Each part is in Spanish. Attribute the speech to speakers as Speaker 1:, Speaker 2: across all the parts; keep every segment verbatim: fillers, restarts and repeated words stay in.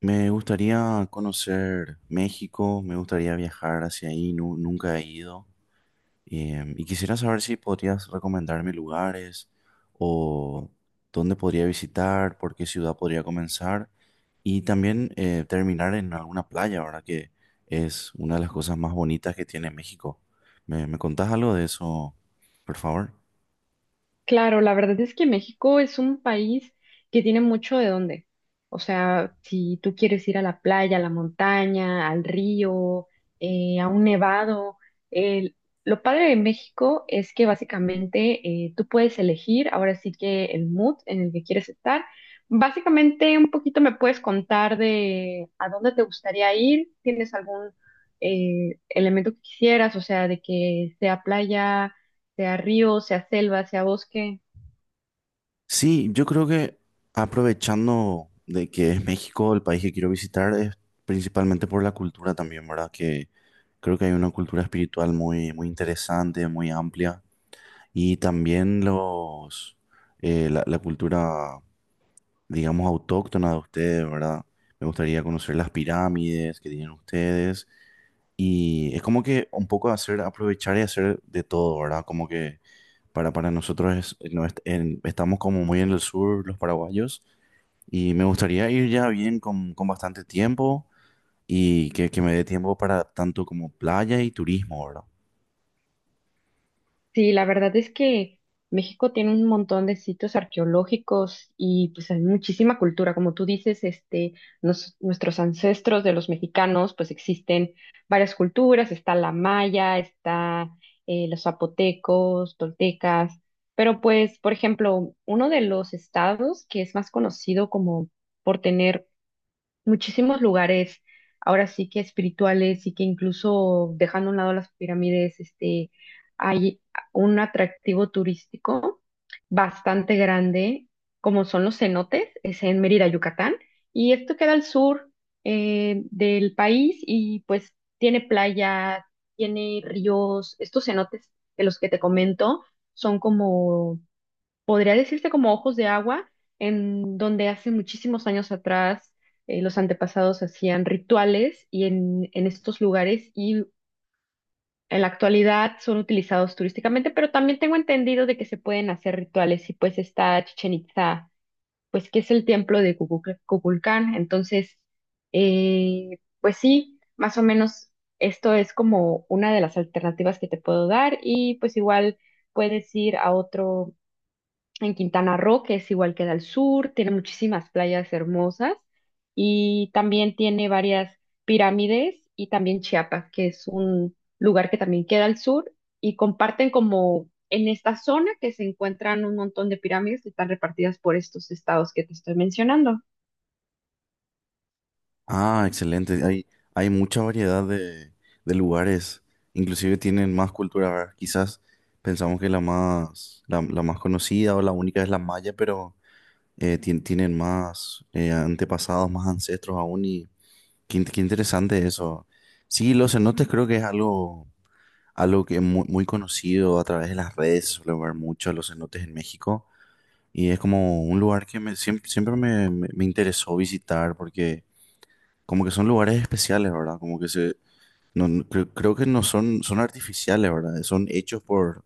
Speaker 1: Me gustaría conocer México, me gustaría viajar hacia ahí, nu- nunca he ido. Em, y quisiera saber si podrías recomendarme lugares o dónde podría visitar, por qué ciudad podría comenzar y también eh, terminar en alguna playa, ¿verdad? Que es una de las cosas más bonitas que tiene México. ¿Me, me contás algo de eso, por favor?
Speaker 2: Claro, la verdad es que México es un país que tiene mucho de dónde. O sea, si tú quieres ir a la playa, a la montaña, al río, eh, a un nevado, el- lo padre de México es que básicamente eh, tú puedes elegir ahora sí que el mood en el que quieres estar. Básicamente un poquito me puedes contar de a dónde te gustaría ir, tienes algún eh, elemento que quisieras, o sea, de que sea playa, sea río, sea selva, sea bosque.
Speaker 1: Sí, yo creo que aprovechando de que es México el país que quiero visitar, es principalmente por la cultura también, ¿verdad? Que creo que hay una cultura espiritual muy, muy interesante, muy amplia. Y también los, eh, la, la cultura, digamos, autóctona de ustedes, ¿verdad? Me gustaría conocer las pirámides que tienen ustedes. Y es como que un poco hacer, aprovechar y hacer de todo, ¿verdad? Como que para, para nosotros es- no, est- en- estamos como muy en el sur, los paraguayos. Y me gustaría ir ya bien con, con bastante tiempo y que, que me dé tiempo para tanto como playa y turismo, ¿verdad?
Speaker 2: Sí, la verdad es que México tiene un montón de sitios arqueológicos y pues hay muchísima cultura. Como tú dices, este, nos- nuestros ancestros de los mexicanos, pues existen varias culturas, está la maya, está eh, los zapotecos, toltecas, pero pues, por ejemplo, uno de los estados que es más conocido como por tener muchísimos lugares, ahora sí que espirituales y que incluso dejando a un lado las pirámides, este, hay un atractivo turístico bastante grande, como son los cenotes, es en Mérida, Yucatán, y esto queda al sur eh, del país y pues tiene playa, tiene ríos, estos cenotes de los que te comento son como podría decirse como ojos de agua, en donde hace muchísimos años atrás eh, los antepasados hacían rituales y en, en estos lugares y en la actualidad son utilizados turísticamente, pero también tengo entendido de que se pueden hacer rituales y pues está Chichen Itza, pues que es el templo de Cucuc- Cuculcán. Entonces, eh, pues sí, más o menos esto es como una de las alternativas que te puedo dar y pues igual puedes ir a otro en Quintana Roo, que es igual que al sur, tiene muchísimas playas hermosas y también tiene varias pirámides, y también Chiapas, que es un lugar que también queda al sur y comparten como en esta zona que se encuentran un montón de pirámides que están repartidas por estos estados que te estoy mencionando.
Speaker 1: Ah, excelente. Hay, hay mucha variedad de, de lugares. Inclusive tienen más cultura, ¿verdad? Quizás pensamos que la más, la, la más conocida o la única es la maya, pero eh, tien- tienen más eh, antepasados, más ancestros aún. Y qué, in- qué interesante eso. Sí, los cenotes creo que es algo algo que es muy, muy conocido a través de las redes, se suele ver mucho a los cenotes en México y es como un lugar que me, siempre, siempre me, me- me interesó visitar porque como que son lugares especiales, ¿verdad? Como que se, no, no- creo, creo que no son, son artificiales, ¿verdad? Son hechos por,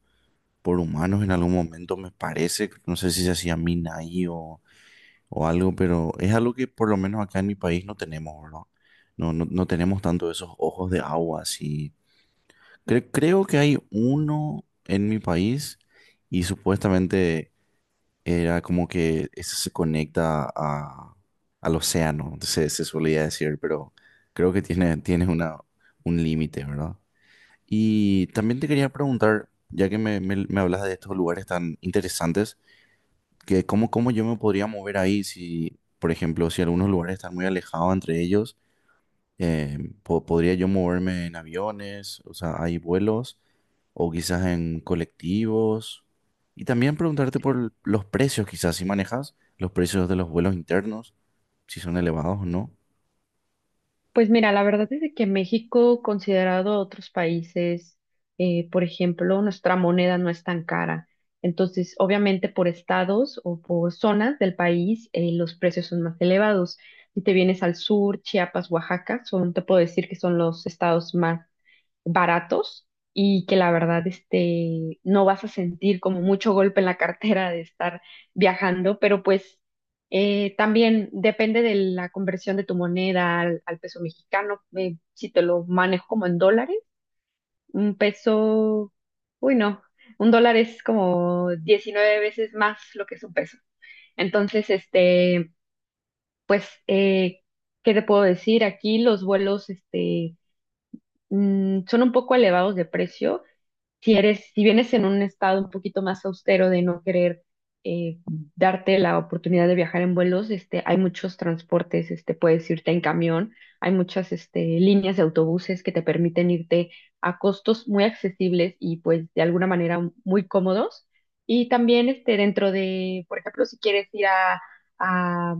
Speaker 1: por humanos en algún momento, me parece, no sé si se hacía mina ahí o, o algo, pero es algo que por lo menos acá en mi país no tenemos, ¿verdad? No, no, no tenemos tanto esos ojos de agua así. Cre- creo que hay uno en mi país y supuestamente era como que eso se conecta a, al océano, se, se solía decir, pero creo que tiene, tiene una, un límite, ¿verdad? Y también te quería preguntar, ya que me, me, me hablas de estos lugares tan interesantes, que cómo, cómo yo me podría mover ahí si, por ejemplo, si algunos lugares están muy alejados entre ellos, eh, po- ¿podría yo moverme en aviones? O sea, ¿hay vuelos? O quizás en colectivos. Y también preguntarte por los precios, quizás si manejas los precios de los vuelos internos, si son elevados o no.
Speaker 2: Pues mira, la verdad es de que México, considerado a otros países, eh, por ejemplo, nuestra moneda no es tan cara. Entonces, obviamente por estados o por zonas del país, eh, los precios son más elevados. Si te vienes al sur, Chiapas, Oaxaca, son, te puedo decir que son los estados más baratos y que la verdad este, no vas a sentir como mucho golpe en la cartera de estar viajando, pero pues eh, también depende de la conversión de tu moneda al, al peso mexicano. eh, si te lo manejo como en dólares, un peso, uy no, un dólar es como diecinueve veces más lo que es un peso. Entonces, este, pues, eh, ¿qué te puedo decir? Aquí los vuelos, este, mm, son un poco elevados de precio. Si eres, si vienes en un estado un poquito más austero de no querer eh, darte la oportunidad de viajar en vuelos, este, hay muchos transportes, este, puedes irte en camión, hay muchas este, líneas de autobuses que te permiten irte a costos muy accesibles y pues de alguna manera muy cómodos. Y también, este, dentro de, por ejemplo, si quieres ir a a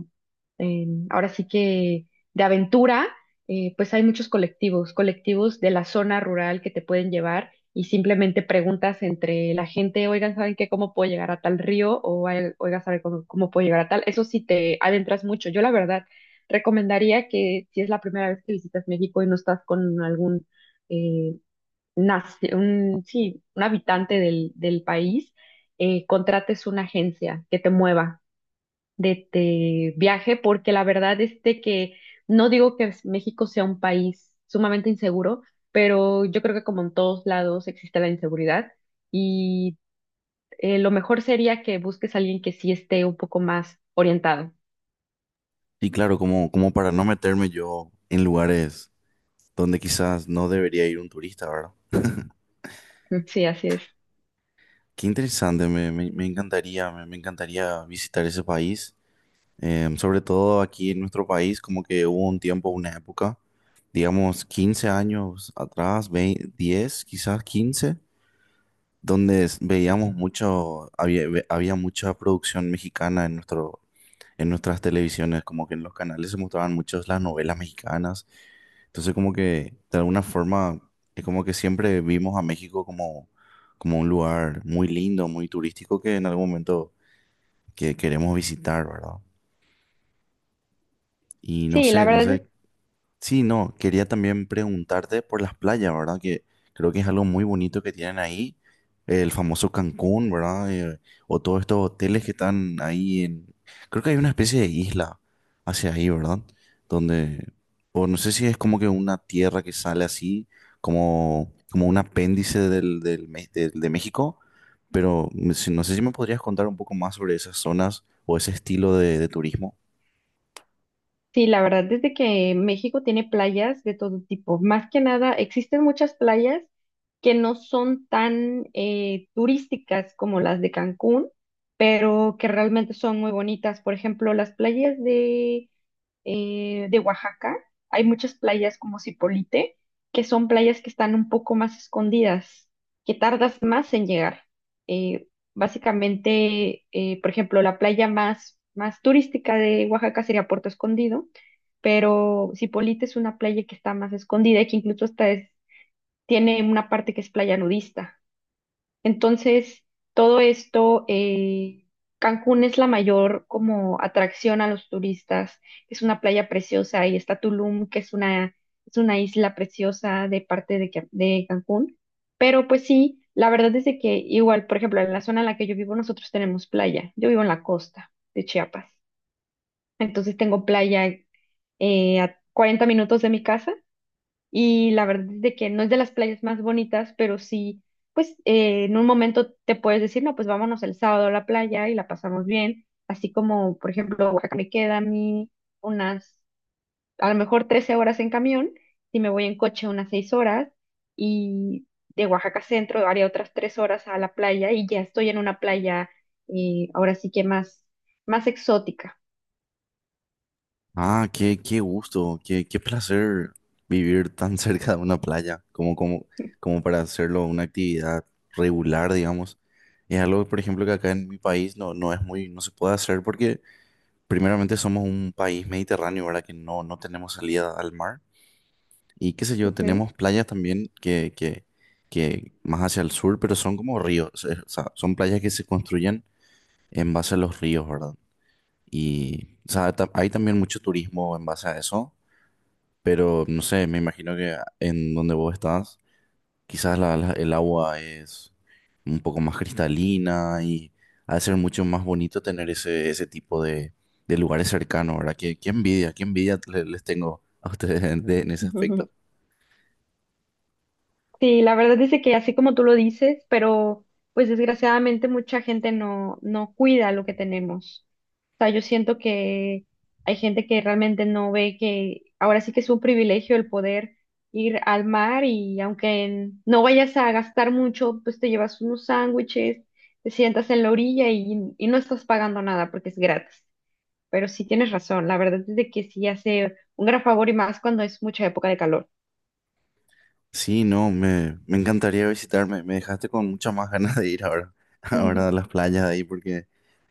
Speaker 2: en- ahora sí que de aventura, eh, pues hay muchos colectivos, colectivos de la zona rural que te pueden llevar, y simplemente preguntas entre la gente: oigan, ¿saben qué? ¿Cómo puedo llegar a tal río? O "oigan, oigan, ¿saben cómo, cómo puedo llegar a tal?". Eso sí, te adentras mucho. Yo la verdad recomendaría que si es la primera vez que visitas México y no estás con algún, eh, naci- un, sí, un habitante del, del país, eh, contrates una agencia que te mueva de, de viaje, porque la verdad es de que no digo que México sea un país sumamente inseguro, pero yo creo que como en todos lados existe la inseguridad, y eh, lo mejor sería que busques a alguien que sí esté un poco más orientado.
Speaker 1: Y claro, como, como para no meterme yo en lugares donde quizás no debería ir un turista, ¿verdad?
Speaker 2: Sí, así es.
Speaker 1: Qué interesante, me, me- me encantaría, me, me encantaría visitar ese país. Eh, sobre todo aquí en nuestro país, como que hubo un tiempo, una época, digamos quince años atrás, dos mil diez, quizás quince, donde s- veíamos mucho, había, ve- había mucha producción mexicana en nuestro, en nuestras televisiones, como que en los canales se mostraban muchas las novelas mexicanas. Entonces como que de alguna forma es como que siempre vimos a México como, como un lugar muy lindo, muy turístico que en algún momento que queremos visitar, ¿verdad? Y no
Speaker 2: Sí, la
Speaker 1: sé, no
Speaker 2: verdad es
Speaker 1: sé sí, no, quería también preguntarte por las playas, ¿verdad? Que creo que es algo muy bonito que tienen ahí, el famoso Cancún, ¿verdad? Eh, o todos estos hoteles que están ahí en... Creo que hay una especie de isla hacia ahí, ¿verdad? Donde... O no sé si es como que una tierra que sale así, como, como un apéndice del, del, Me- del- de México, pero me- si- no sé si me podrías contar un poco más sobre esas zonas o ese estilo de de turismo.
Speaker 2: Sí, la verdad, desde que México tiene playas de todo tipo. Más que nada, existen muchas playas que no son tan eh, turísticas como las de Cancún, pero que realmente son muy bonitas. Por ejemplo, las playas de eh, de Oaxaca, hay muchas playas como Zipolite, que son playas que están un poco más escondidas, que tardas más en llegar. Eh, básicamente, eh, por ejemplo, la playa más, más turística de Oaxaca sería Puerto Escondido, pero Zipolite es una playa que está más escondida y que incluso hasta es- tiene una parte que es playa nudista. Entonces, todo esto, eh, Cancún es la mayor como atracción a los turistas. Es una playa preciosa, y está Tulum, que es una, es una isla preciosa, de parte de, Ca- de Cancún. Pero pues sí, la verdad es de que igual, por ejemplo, en la zona en la que yo vivo, nosotros tenemos playa. Yo vivo en la costa de Chiapas. Entonces tengo playa eh, a cuarenta minutos de mi casa, y la verdad es de que no es de las playas más bonitas, pero sí, pues eh, en un momento te puedes decir: no, pues vámonos el sábado a la playa y la pasamos bien. Así como, por ejemplo, Oaxaca me queda a mí unas, a lo mejor trece horas en camión, si me voy en coche unas seis horas, y de Oaxaca Centro haría otras tres horas a la playa y ya estoy en una playa eh, ahora sí que más, más exótica.
Speaker 1: Ah, qué, qué gusto, qué, qué placer vivir tan cerca de una playa, como, como, como para hacerlo una actividad regular, digamos. Es algo, por ejemplo, que acá en mi país no, no es muy, no se puede hacer porque primeramente somos un país mediterráneo, ¿verdad? Que no, no tenemos salida al mar. Y qué sé yo,
Speaker 2: Ok.
Speaker 1: tenemos playas también que, que, que más hacia el sur, pero son como ríos, o sea, son playas que se construyen en base a los ríos, ¿verdad? Y, o sea, ta- hay también mucho turismo en base a eso, pero no sé, me imagino que en donde vos estás, quizás la- la- el agua es un poco más cristalina y ha de ser mucho más bonito tener ese, ese tipo de, de lugares cercanos, ¿verdad? Qué, qué envidia, qué envidia le- les tengo a ustedes en, de- en ese aspecto.
Speaker 2: Sí, la verdad dice que así como tú lo dices, pero pues desgraciadamente mucha gente no, no cuida lo que tenemos. O sea, yo siento que hay gente que realmente no ve que ahora sí que es un privilegio el poder ir al mar, y aunque en- no vayas a gastar mucho, pues te llevas unos sándwiches, te sientas en la orilla y, y no estás pagando nada porque es gratis. Pero sí tienes razón, la verdad es de que sí hace un gran favor y más cuando es mucha época de calor.
Speaker 1: Sí, no, me, me encantaría visitarme. Me dejaste con muchas más ganas de ir ahora, ahora a las playas de ahí, porque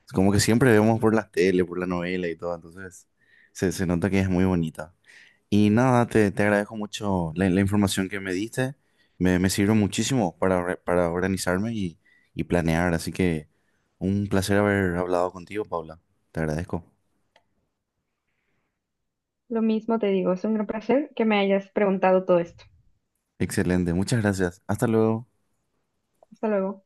Speaker 1: es como que siempre vemos por las tele, por la novela y todo, entonces se, se nota que es muy bonita. Y nada, te, te agradezco mucho la, la información que me diste. Me, me sirve muchísimo para, or- para organizarme y, y planear. Así que un placer haber hablado contigo, Paula. Te agradezco.
Speaker 2: Lo mismo te digo, es un gran placer que me hayas preguntado todo esto.
Speaker 1: Excelente. Muchas gracias. Hasta luego.
Speaker 2: Hasta luego.